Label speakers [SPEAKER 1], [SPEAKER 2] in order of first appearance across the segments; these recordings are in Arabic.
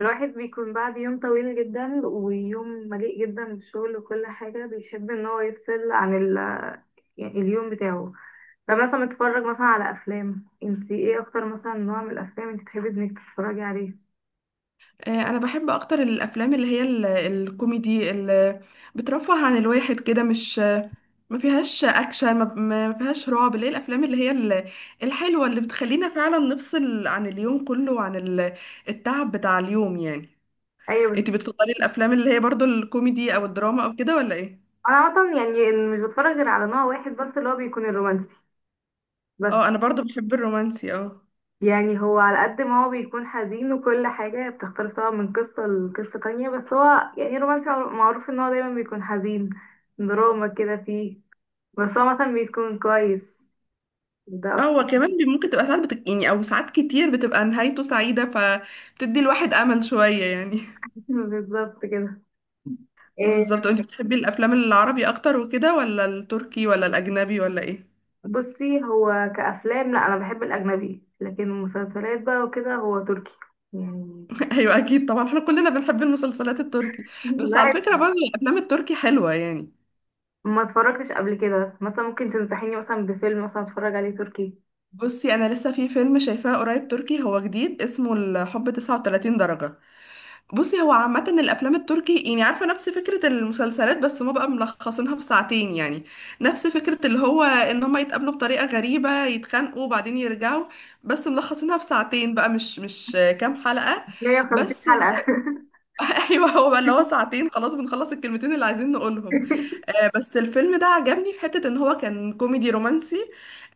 [SPEAKER 1] الواحد بيكون بعد يوم طويل جدا ويوم مليء جدا بالشغل وكل حاجة بيحب ان هو يفصل عن يعني اليوم بتاعه. فمثلا بتتفرج مثلا على افلام، انتي ايه اكتر مثلا نوع من الافلام انتي بتحبي انك تتفرجي عليه؟
[SPEAKER 2] انا بحب اكتر الافلام اللي هي الكوميدي اللي بترفه عن الواحد كده، مش ما فيهاش اكشن، ما فيهاش رعب، اللي هي الافلام اللي هي الحلوه اللي بتخلينا فعلا نفصل عن اليوم كله وعن التعب بتاع اليوم يعني. انت
[SPEAKER 1] ايوه.
[SPEAKER 2] بتفضلي الافلام اللي هي برضو الكوميدي او الدراما او كده ولا ايه؟
[SPEAKER 1] انا عامة يعني مش بتفرج غير على نوع واحد بس، اللي هو بيكون الرومانسي بس.
[SPEAKER 2] اه، انا برضو بحب الرومانسي، اه.
[SPEAKER 1] يعني هو على قد ما هو بيكون حزين وكل حاجة بتختلف طبعا من قصة لقصة تانية، بس هو يعني الرومانسي معروف ان هو دايما بيكون حزين، دراما كده فيه، بس هو مثلا بيكون كويس، ده
[SPEAKER 2] اه،
[SPEAKER 1] اكتر.
[SPEAKER 2] وكمان ممكن تبقى ساعات يعني او ساعات كتير بتبقى نهايته سعيده، فبتدي الواحد امل شويه يعني.
[SPEAKER 1] بالظبط كده. إيه،
[SPEAKER 2] بالظبط. انت بتحبي الافلام العربي اكتر وكده ولا التركي ولا الاجنبي ولا ايه؟
[SPEAKER 1] بصي هو كأفلام، لا انا بحب الأجنبي، لكن المسلسلات بقى وكده هو تركي يعني.
[SPEAKER 2] ايوه اكيد طبعا، احنا كلنا بنحب المسلسلات التركي. بس على
[SPEAKER 1] الواحد
[SPEAKER 2] فكره برضه الافلام التركي حلوه يعني.
[SPEAKER 1] ما اتفرجتش قبل كده، مثلا ممكن تنصحيني مثلا بفيلم مثلا اتفرج عليه تركي؟
[SPEAKER 2] بصي، انا لسه في فيلم شايفاه قريب تركي، هو جديد اسمه الحب 39 درجه. بصي، هو عامة الأفلام التركي يعني، عارفة، نفس فكرة المسلسلات بس ما بقى ملخصينها بساعتين يعني. نفس فكرة اللي هو إن هما يتقابلوا بطريقة غريبة، يتخانقوا وبعدين يرجعوا، بس ملخصينها بساعتين بقى، مش كام حلقة
[SPEAKER 1] 150
[SPEAKER 2] بس.
[SPEAKER 1] حلقة؟
[SPEAKER 2] ايوه، هو اللي هو ساعتين، خلاص بنخلص الكلمتين اللي عايزين نقولهم. بس الفيلم ده عجبني في حتة ان هو كان كوميدي رومانسي.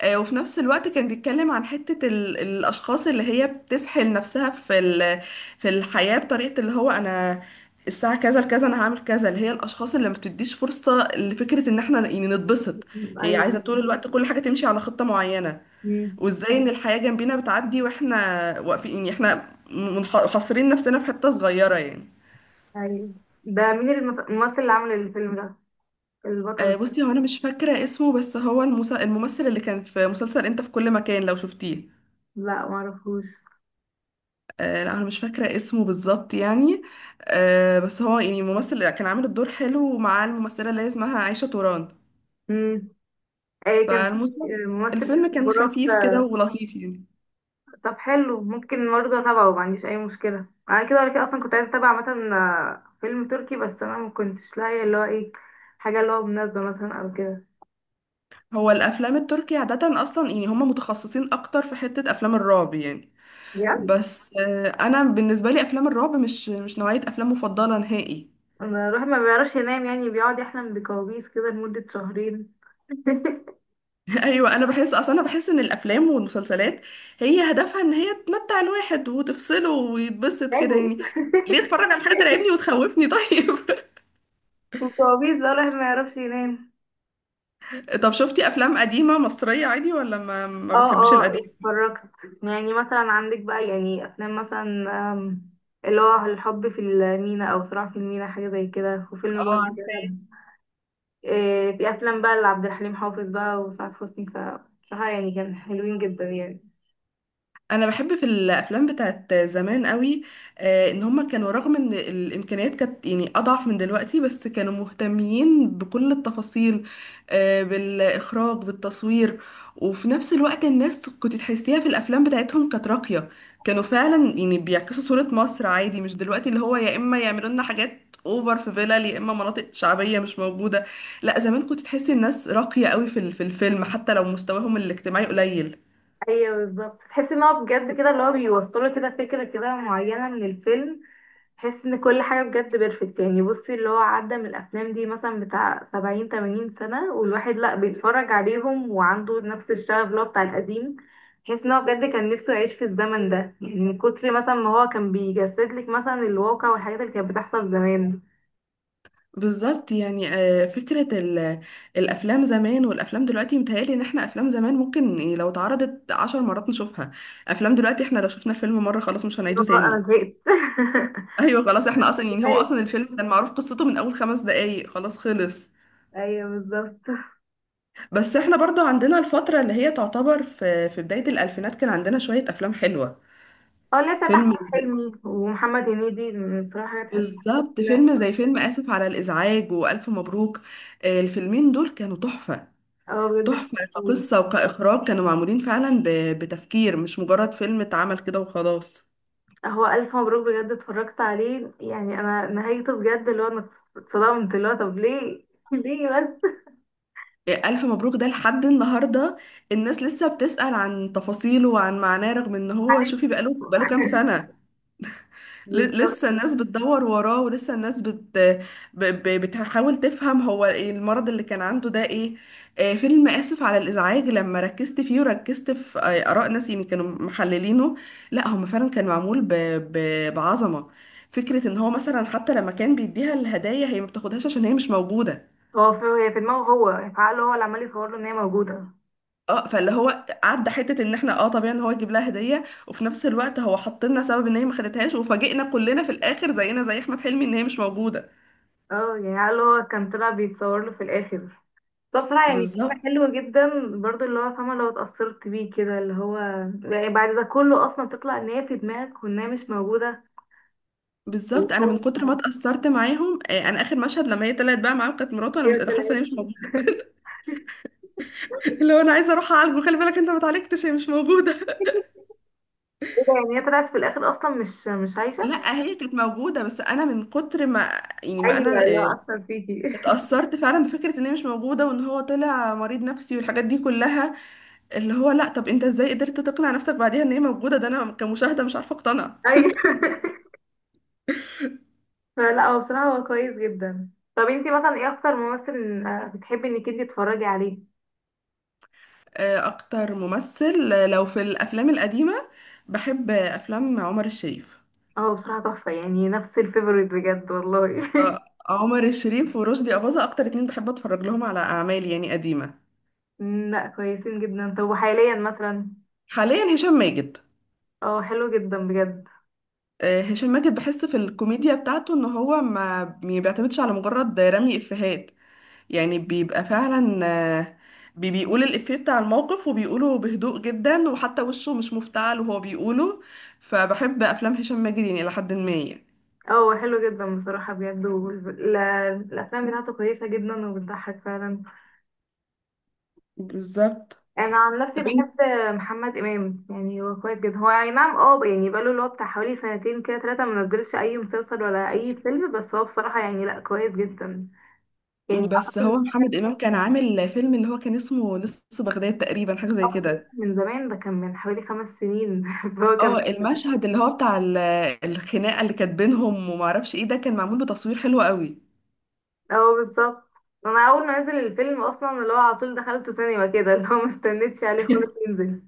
[SPEAKER 2] وفي نفس الوقت كان بيتكلم عن حتة الاشخاص اللي هي بتسحل نفسها في في الحياة، بطريقة اللي هو: انا الساعة كذا لكذا انا هعمل كذا، اللي هي الاشخاص اللي ما بتديش فرصة لفكرة ان احنا يعني نتبسط، هي عايزة طول
[SPEAKER 1] ايوه.
[SPEAKER 2] الوقت كل حاجة تمشي على خطة معينة.
[SPEAKER 1] أمم،
[SPEAKER 2] وازاي ان الحياة جنبينا بتعدي واحنا واقفين، يعني احنا حاصرين نفسنا في حتة صغيرة يعني.
[SPEAKER 1] ايوه. ده مين الممثل اللي عامل الفيلم ده، البطل؟
[SPEAKER 2] بصي، هو انا مش فاكره اسمه، بس هو الممثل اللي كان في مسلسل انت في كل مكان، لو شفتيه.
[SPEAKER 1] لا معرفوش.
[SPEAKER 2] لا، انا مش فاكره اسمه بالظبط يعني. بس هو يعني ممثل كان عامل الدور حلو مع الممثله اللي هي اسمها عائشه توران،
[SPEAKER 1] امم اي، كان في
[SPEAKER 2] فالمسلسل.
[SPEAKER 1] ممثل
[SPEAKER 2] الفيلم
[SPEAKER 1] اسمه
[SPEAKER 2] كان
[SPEAKER 1] براك؟
[SPEAKER 2] خفيف كده ولطيف يعني.
[SPEAKER 1] طب حلو، ممكن برضه اتابعه، ما عنديش اي مشكله، انا كده ولا كده اصلا كنت عايزه اتابع مثلا فيلم تركي، بس انا ما كنتش لاقيه اللي هو ايه، حاجه اللي هو مناسبه مثلا او كده.
[SPEAKER 2] هو الافلام التركي عاده اصلا يعني هم متخصصين اكتر في حته افلام الرعب يعني.
[SPEAKER 1] بجد؟
[SPEAKER 2] بس انا بالنسبه لي افلام الرعب مش نوعيه افلام مفضله نهائي.
[SPEAKER 1] انا روحي ما بيعرفش ينام، يعني بيقعد يحلم بكوابيس كده لمده شهرين.
[SPEAKER 2] ايوه، انا بحس اصلا، انا بحس ان الافلام والمسلسلات هي هدفها ان هي تمتع الواحد وتفصله ويتبسط كده
[SPEAKER 1] تعبوا.
[SPEAKER 2] يعني. ليه اتفرج على حاجه ترعبني وتخوفني طيب؟
[SPEAKER 1] وكوابيس بقى الواحد ما يعرفش ينام.
[SPEAKER 2] طب شفتي افلام قديمه مصريه عادي ولا ما
[SPEAKER 1] اه
[SPEAKER 2] بتحبيش
[SPEAKER 1] اه
[SPEAKER 2] القديم؟
[SPEAKER 1] اتفرجت. يعني مثلا عندك بقى يعني افلام مثلا، آم، اللي هو الحب في المينا او صراع في المينا، حاجه زي كده، وفيلم برضه
[SPEAKER 2] اه،
[SPEAKER 1] كده. إيه، في افلام بقى لعبد الحليم حافظ بقى وسعاد حسني، فبصراحه يعني كان حلوين جدا يعني.
[SPEAKER 2] انا بحب في الافلام بتاعت زمان قوي. ان هما كانوا، رغم ان الامكانيات كانت يعني اضعف من دلوقتي، بس كانوا مهتمين بكل التفاصيل. بالاخراج، بالتصوير. وفي نفس الوقت الناس كنت تحسيها في الافلام بتاعتهم كانت راقية، كانوا فعلا يعني بيعكسوا صورة مصر عادي، مش دلوقتي اللي هو يا اما يعملوا لنا حاجات اوفر في فيلل، يا اما مناطق شعبية مش موجودة. لا، زمان كنت تحسي الناس راقية قوي في في الفيلم، حتى لو مستواهم الاجتماعي قليل.
[SPEAKER 1] ايوه بالظبط، تحس ان هو بجد كده، اللي هو بيوصله كده فكره كده معينه من الفيلم، تحس ان كل حاجه بجد بيرفكت يعني. بصي، اللي هو عدى من الافلام دي مثلا بتاع سبعين تمانين سنه والواحد لا بيتفرج عليهم وعنده نفس الشغف اللي هو بتاع القديم، تحس ان هو بجد كان نفسه يعيش في الزمن ده، يعني من كتر مثلا ما هو كان بيجسد لك مثلا الواقع والحاجات اللي كانت بتحصل زمان.
[SPEAKER 2] بالظبط يعني. فكرة الأفلام زمان والأفلام دلوقتي، متهيألي إن احنا أفلام زمان ممكن يعني لو اتعرضت عشر مرات نشوفها، أفلام دلوقتي احنا لو شفنا الفيلم مرة خلاص مش
[SPEAKER 1] اللي
[SPEAKER 2] هنعيده
[SPEAKER 1] هو انا
[SPEAKER 2] تاني.
[SPEAKER 1] زهقت.
[SPEAKER 2] أيوة خلاص، احنا أصلا يعني، هو أصلا الفيلم كان معروف قصته من أول خمس دقايق، خلاص خلص.
[SPEAKER 1] ايوه بالظبط.
[SPEAKER 2] بس احنا برضو عندنا الفترة اللي هي تعتبر في بداية الألفينات كان عندنا شوية أفلام حلوة.
[SPEAKER 1] اه، اللي بتاعت احمد
[SPEAKER 2] فيلم زي-،
[SPEAKER 1] حلمي ومحمد هنيدي من بصراحه حاجات، حاجات
[SPEAKER 2] بالظبط فيلم
[SPEAKER 1] كلها.
[SPEAKER 2] زي فيلم آسف على الإزعاج وألف مبروك. الفيلمين دول كانوا تحفة.
[SPEAKER 1] اه بجد.
[SPEAKER 2] تحفة
[SPEAKER 1] حلوة.
[SPEAKER 2] كقصة وكإخراج، كانوا معمولين فعلا بتفكير، مش مجرد فيلم اتعمل كده وخلاص.
[SPEAKER 1] هو الف مبروك بجد اتفرجت عليه، يعني انا نهايته بجد اللي هو انا اتصدمت، اللي هو طب ليه، ليه بس.
[SPEAKER 2] إيه، ألف مبروك ده لحد النهاردة الناس لسه بتسأل عن تفاصيله وعن معناه، رغم إن هو شوفي بقاله كام سنة.
[SPEAKER 1] بالظبط.
[SPEAKER 2] لسه الناس بتدور وراه، ولسه الناس بتحاول تفهم هو إيه المرض اللي كان عنده ده ايه. فيلم آسف على الإزعاج لما ركزت فيه وركزت في آراء ناس يعني كانوا محللينه، لا هم فعلا كان معمول بعظمة. فكرة ان هو مثلا حتى لما كان بيديها الهدايا هي ما بتاخدهاش عشان هي مش موجودة.
[SPEAKER 1] هو في، هي في دماغه هو، في عقله هو، اللي عمال يصور له ان هي موجوده.
[SPEAKER 2] اه، فاللي هو عدى حتة ان احنا، اه، طبيعي ان هو يجيب لها هدية، وفي نفس الوقت هو حط لنا سبب ان هي ما خدتهاش، وفاجئنا كلنا في الاخر زينا زي احمد حلمي ان هي مش موجودة.
[SPEAKER 1] اه، يعني عقله هو كان طلع بيتصور له في الاخر. طب بصراحة يعني فيلم
[SPEAKER 2] بالظبط.
[SPEAKER 1] حلو جدا، برضو اللي هو فاهمة لو اتأثرت بيه كده، اللي هو يعني بعد ده كله أصلا تطلع إن هي في دماغك وإن هي مش موجودة. ايوه
[SPEAKER 2] بالظبط، انا من
[SPEAKER 1] طلعت.
[SPEAKER 2] كتر ما اتاثرت معاهم، انا اخر مشهد لما هي طلعت بقى معاهم كانت مراته، انا مش أنا حاسه ان هي مش موجوده. اللي هو انا عايزه اروح اعالجه، خلي بالك انت ما اتعالجتش، هي مش موجوده.
[SPEAKER 1] ايه ده، يعني هي طلعت في الاخر اصلا مش عايشه؟
[SPEAKER 2] لا، هي كانت موجوده، بس انا من كتر ما يعني، ما
[SPEAKER 1] ايوه،
[SPEAKER 2] انا
[SPEAKER 1] اللي هو اصلا فيكي.
[SPEAKER 2] اتاثرت فعلا بفكره ان هي مش موجوده، وان هو طلع مريض نفسي والحاجات دي كلها. اللي هو لا، طب انت ازاي قدرت تقنع نفسك بعديها ان هي موجوده؟ ده انا كمشاهده مش عارفه اقتنع.
[SPEAKER 1] ايوه. فلا هو بصراحه هو كويس جدا. طب انتي مثلا ايه اكتر ممثل بتحبي انك انتي تتفرجي عليه؟
[SPEAKER 2] اكتر ممثل لو في الافلام القديمه بحب افلام عمر الشريف.
[SPEAKER 1] اه بصراحه تحفه، يعني نفس الفيفوريت بجد والله.
[SPEAKER 2] عمر الشريف ورشدي أباظة أكتر اتنين بحب أتفرج لهم على أعمال يعني قديمة.
[SPEAKER 1] لا كويسين جدا. طب وحاليا مثلا؟
[SPEAKER 2] حاليا هشام ماجد.
[SPEAKER 1] اه حلو جدا بجد.
[SPEAKER 2] هشام ماجد بحس في الكوميديا بتاعته إن هو ما بيعتمدش على مجرد رمي إفيهات، يعني بيبقى فعلا، آه، بيقول الإفيه بتاع الموقف وبيقوله بهدوء جدا، وحتى وشه مش مفتعل وهو بيقوله، فبحب أفلام هشام ماجد يعني إلى حد ما يعني.
[SPEAKER 1] اه حلو جدا بصراحه بجد، الافلام بتاعته كويسه جدا وبتضحك فعلا.
[SPEAKER 2] بالظبط.
[SPEAKER 1] انا عن نفسي
[SPEAKER 2] طب انت-،
[SPEAKER 1] بحب محمد امام، يعني هو كويس جدا، هو اي نعم اه، يعني بقاله اللي هو بتاع حوالي سنتين كده ثلاثه ما نزلش اي مسلسل ولا اي فيلم، بس هو بصراحه يعني لا كويس جدا يعني.
[SPEAKER 2] بس
[SPEAKER 1] اقصد،
[SPEAKER 2] هو محمد إمام كان عامل فيلم اللي هو كان اسمه لص بغداد تقريبا، حاجة زي
[SPEAKER 1] أقصد
[SPEAKER 2] كده.
[SPEAKER 1] من زمان، ده كان من حوالي خمس سنين، فهو كان
[SPEAKER 2] اه، المشهد اللي هو بتاع الخناقه اللي كانت بينهم وما اعرفش ايه، ده كان معمول بتصوير حلو قوي.
[SPEAKER 1] اه بالظبط. انا اول ما نزل الفيلم اصلا اللي هو على طول دخلته سينما كده، اللي هو ما استنيتش عليه خالص ينزل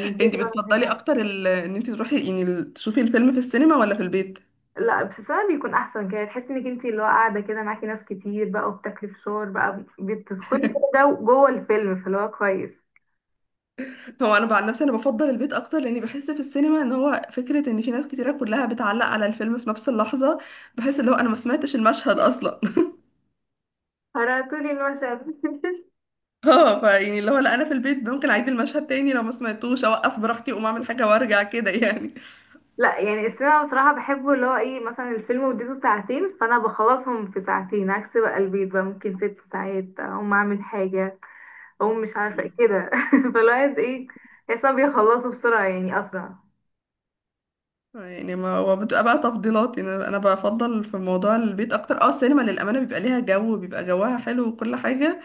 [SPEAKER 1] من
[SPEAKER 2] انت
[SPEAKER 1] كتر.
[SPEAKER 2] بتفضلي اكتر ان انت تروحي يعني تشوفي الفيلم في السينما ولا في البيت؟
[SPEAKER 1] لا بحسها بيكون احسن كده، تحسي انك انتي اللي هو قاعده كده معاكي ناس كتير بقى وبتاكلي فشار بقى، بتدخلي كده جوه الفيلم، فاللي هو كويس.
[SPEAKER 2] هو انا عن نفسي انا بفضل البيت اكتر، لاني بحس في السينما ان هو فكره ان في ناس كتيره كلها بتعلق على الفيلم في نفس اللحظه، بحس اللي هو انا ما سمعتش المشهد اصلا.
[SPEAKER 1] هرعتولي المشهد.
[SPEAKER 2] اه، فيعني اللي هو لا، انا في البيت ممكن اعيد المشهد تاني لو ما سمعتوش، اوقف براحتي، اقوم اعمل حاجه وارجع كده يعني.
[SPEAKER 1] لا يعني السينما بصراحه بحبه، اللي هو ايه، مثلا الفيلم مدته ساعتين فانا بخلصهم في ساعتين، عكس بقى البيت بقى ممكن ست ساعات اقوم اعمل حاجه، اقوم مش عارفه إيه كده، فالواحد ايه، تحسها بيخلصوا بسرعه يعني، اسرع.
[SPEAKER 2] يعني ما هو بتبقى بقى تفضيلات يعني، انا أنا بفضل في موضوع البيت اكتر. اه، السينما للامانه بيبقى ليها جو، بيبقى جواها حلو وكل حاجه،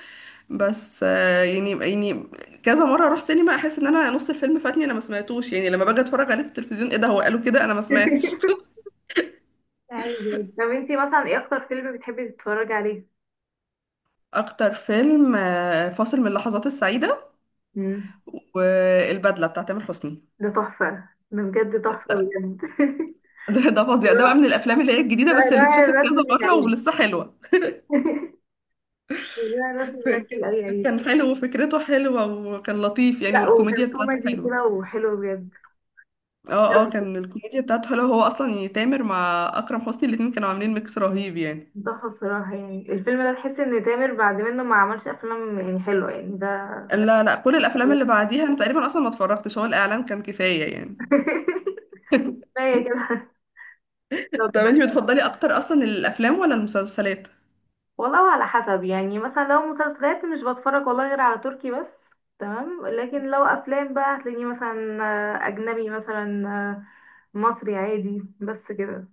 [SPEAKER 2] بس يعني كذا مره اروح سينما احس ان انا نص الفيلم فاتني انا ما سمعتوش، يعني لما باجي اتفرج عليه في التلفزيون، ايه ده هو قالوا كده، انا ما سمعتش.
[SPEAKER 1] عادي عادي. طب انتي مثلا ايه اكتر فيلم بتحبي تتفرجي عليه؟
[SPEAKER 2] اكتر فيلم فاصل من اللحظات السعيده
[SPEAKER 1] مم.
[SPEAKER 2] والبدله بتاع تامر حسني.
[SPEAKER 1] ده تحفة، ده بجد تحفة بجد.
[SPEAKER 2] ده فظيع،
[SPEAKER 1] اللي
[SPEAKER 2] ده بقى
[SPEAKER 1] هو
[SPEAKER 2] من الافلام اللي هي الجديده، بس اللي
[SPEAKER 1] الرائع
[SPEAKER 2] اتشافت
[SPEAKER 1] الرسم
[SPEAKER 2] كذا مره
[SPEAKER 1] للعيد.
[SPEAKER 2] ولسه حلوه.
[SPEAKER 1] الرائع الرسم بجد لأي عيد.
[SPEAKER 2] كان حلو وفكرته حلوه وكان لطيف يعني،
[SPEAKER 1] لا وكان
[SPEAKER 2] والكوميديا بتاعته
[SPEAKER 1] كوميدي
[SPEAKER 2] حلوه.
[SPEAKER 1] كده وحلو بجد.
[SPEAKER 2] اه. اه، كان الكوميديا بتاعته حلوه، هو اصلا يعني تامر مع اكرم حسني الاتنين كانوا عاملين ميكس رهيب يعني.
[SPEAKER 1] تحفة الصراحة، يعني الفيلم ده تحس إن تامر بعد منه ما عملش أفلام يعني حلوة يعني ده.
[SPEAKER 2] لا لا، كل الافلام اللي بعديها انا تقريبا اصلا ما اتفرجتش، هو الاعلان كان كفايه يعني.
[SPEAKER 1] كفاية كده.
[SPEAKER 2] طب
[SPEAKER 1] طب.
[SPEAKER 2] انتي بتفضلي اكتر اصلا الافلام ولا المسلسلات؟
[SPEAKER 1] والله على حسب، يعني مثلا لو مسلسلات مش بتفرج والله غير على تركي بس، تمام، لكن لو أفلام بقى هتلاقيني مثلا أجنبي مثلا، مصري عادي، بس كده.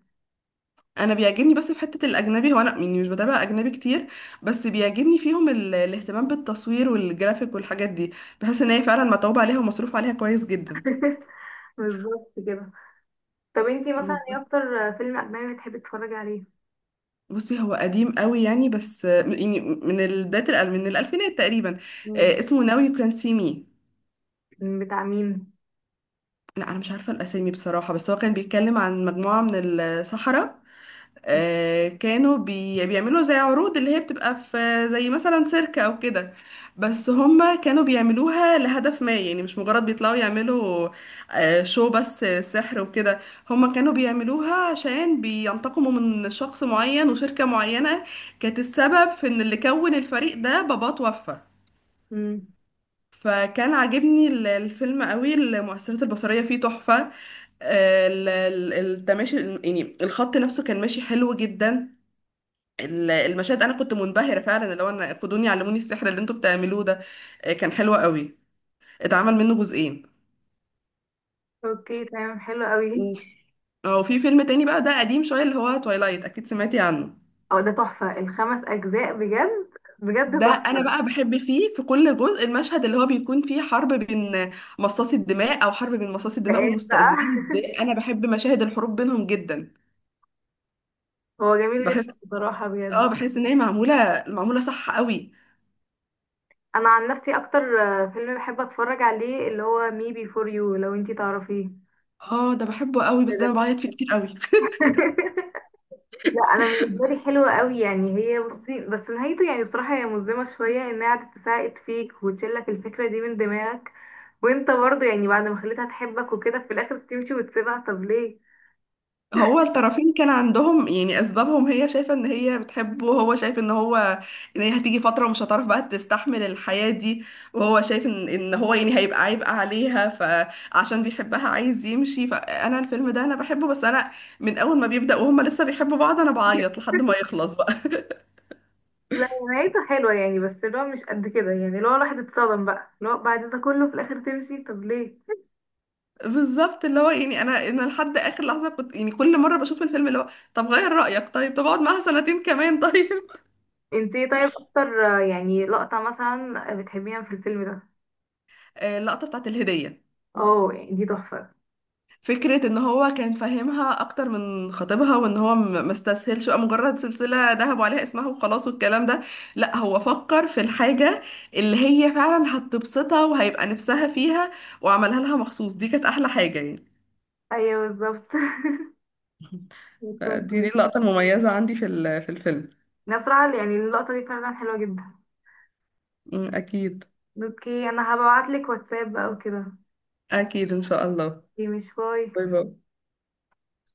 [SPEAKER 2] انا بيعجبني بس في حته الاجنبي، هو انا يعني مش بتابع اجنبي كتير، بس بيعجبني فيهم الاهتمام بالتصوير والجرافيك والحاجات دي، بحس ان هي فعلا متعوب عليها ومصروف عليها كويس جدا.
[SPEAKER 1] بالظبط كده. طب انتي مثلا ايه اكتر فيلم اجنبي بتحبي تتفرجي عليه؟
[SPEAKER 2] بصي، هو قديم قوي يعني، بس يعني من بداية من الألفينات تقريبا.
[SPEAKER 1] مم.
[SPEAKER 2] اسمه ناوي يو كان سي مي.
[SPEAKER 1] بتاع مين؟
[SPEAKER 2] لا، أنا مش عارفة الأسامي بصراحة، بس هو كان بيتكلم عن مجموعة من الصحراء، كانوا بيعملوا زي عروض اللي هي بتبقى في زي مثلا سيركة او كده، بس هما كانوا بيعملوها لهدف ما يعني، مش مجرد بيطلعوا يعملوا شو بس سحر وكده، هما كانوا بيعملوها عشان بينتقموا من شخص معين وشركة معينة كانت السبب في ان اللي كون الفريق ده باباه توفى.
[SPEAKER 1] مم.
[SPEAKER 2] فكان عاجبني الفيلم قوي، المؤثرات البصرية فيه تحفة. التماشي يعني الخط نفسه كان ماشي حلو جدا. المشاهد انا كنت منبهره فعلا، اللي هو انا خدوني علموني السحر اللي انتوا بتعملوه ده. كان حلو قوي، اتعمل منه جزئين.
[SPEAKER 1] اوكي تمام، حلو قوي.
[SPEAKER 2] وفي اه في فيلم تاني بقى، ده قديم شويه، اللي هو تويلايت، اكيد سمعتي عنه.
[SPEAKER 1] او ده تحفة، الخمس اجزاء بجد، بجد
[SPEAKER 2] ده
[SPEAKER 1] تحفة.
[SPEAKER 2] انا بقى بحب فيه في كل جزء المشهد اللي هو بيكون فيه حرب بين مصاصي الدماء، او حرب بين مصاصي
[SPEAKER 1] ده
[SPEAKER 2] الدماء
[SPEAKER 1] ايه
[SPEAKER 2] والمستذئبين، ده
[SPEAKER 1] بقى؟
[SPEAKER 2] انا بحب مشاهد الحروب بينهم جدا.
[SPEAKER 1] هو جميل
[SPEAKER 2] بحس،
[SPEAKER 1] جدا بصراحة
[SPEAKER 2] اه،
[SPEAKER 1] بجد.
[SPEAKER 2] بحس ان هي معموله معموله صح قوي.
[SPEAKER 1] انا عن نفسي اكتر فيلم بحب اتفرج عليه اللي هو مي بي فور يو، لو انتي تعرفيه.
[SPEAKER 2] اه، ده بحبه قوي،
[SPEAKER 1] ده
[SPEAKER 2] بس ده انا
[SPEAKER 1] ده
[SPEAKER 2] بعيط فيه كتير قوي.
[SPEAKER 1] لا انا بالنسبه لي حلوه قوي يعني، هي بصي بس نهايته يعني بصراحه هي مظلمه شويه، انها قعدت تساعد فيك وتشيلك الفكره دي من دماغك، وانت برضه يعني بعد ما خليتها تحبك وكده في الاخر تمشي وتسيبها، طب ليه.
[SPEAKER 2] هو الطرفين كان عندهم يعني اسبابهم، هي شايفه ان هي بتحبه، وهو شايف ان هو ان هي هتيجي فتره ومش هتعرف بقى تستحمل الحياه دي، وهو شايف ان هو يعني هيبقى عبء عليها، فعشان بيحبها عايز يمشي، فانا الفيلم ده انا بحبه، بس انا من اول ما بيبدا وهما لسه بيحبوا بعض انا بعيط لحد ما يخلص بقى.
[SPEAKER 1] لا نهايته حلوه يعني، بس اللي هو مش قد كده يعني، اللي هو الواحد اتصدم بقى، اللي هو بعد ده كله في الاخر تمشي، طب ليه.
[SPEAKER 2] بالظبط، اللي هو يعني انا لحد اخر لحظه كنت يعني كل مره بشوف الفيلم اللي هو طب غير رايك طيب، طب اقعد معاها سنتين كمان طيب.
[SPEAKER 1] انت ايه طيب اكتر يعني لقطه مثلا بتحبيها في الفيلم ده؟
[SPEAKER 2] اللقطه بتاعت الهديه.
[SPEAKER 1] اه يعني دي تحفه.
[SPEAKER 2] فكرة ان هو كان فاهمها اكتر من خطيبها، وان هو ما استسهلش بقى مجرد سلسلة ذهب عليها اسمها وخلاص والكلام ده، لا هو فكر في الحاجة اللي هي فعلا هتبسطها وهيبقى نفسها فيها، وعملها لها مخصوص، دي كانت احلى حاجة يعني.
[SPEAKER 1] ايوه بالظبط. بتكون
[SPEAKER 2] فدي
[SPEAKER 1] كويس.
[SPEAKER 2] اللقطة المميزة عندي في في الفيلم.
[SPEAKER 1] انا بصراحه يعني اللقطه دي فعلا حلوه جدا.
[SPEAKER 2] اكيد.
[SPEAKER 1] اوكي انا هبعتلك واتساب او كده.
[SPEAKER 2] اكيد ان شاء الله.
[SPEAKER 1] دي مش باي.
[SPEAKER 2] باي باي.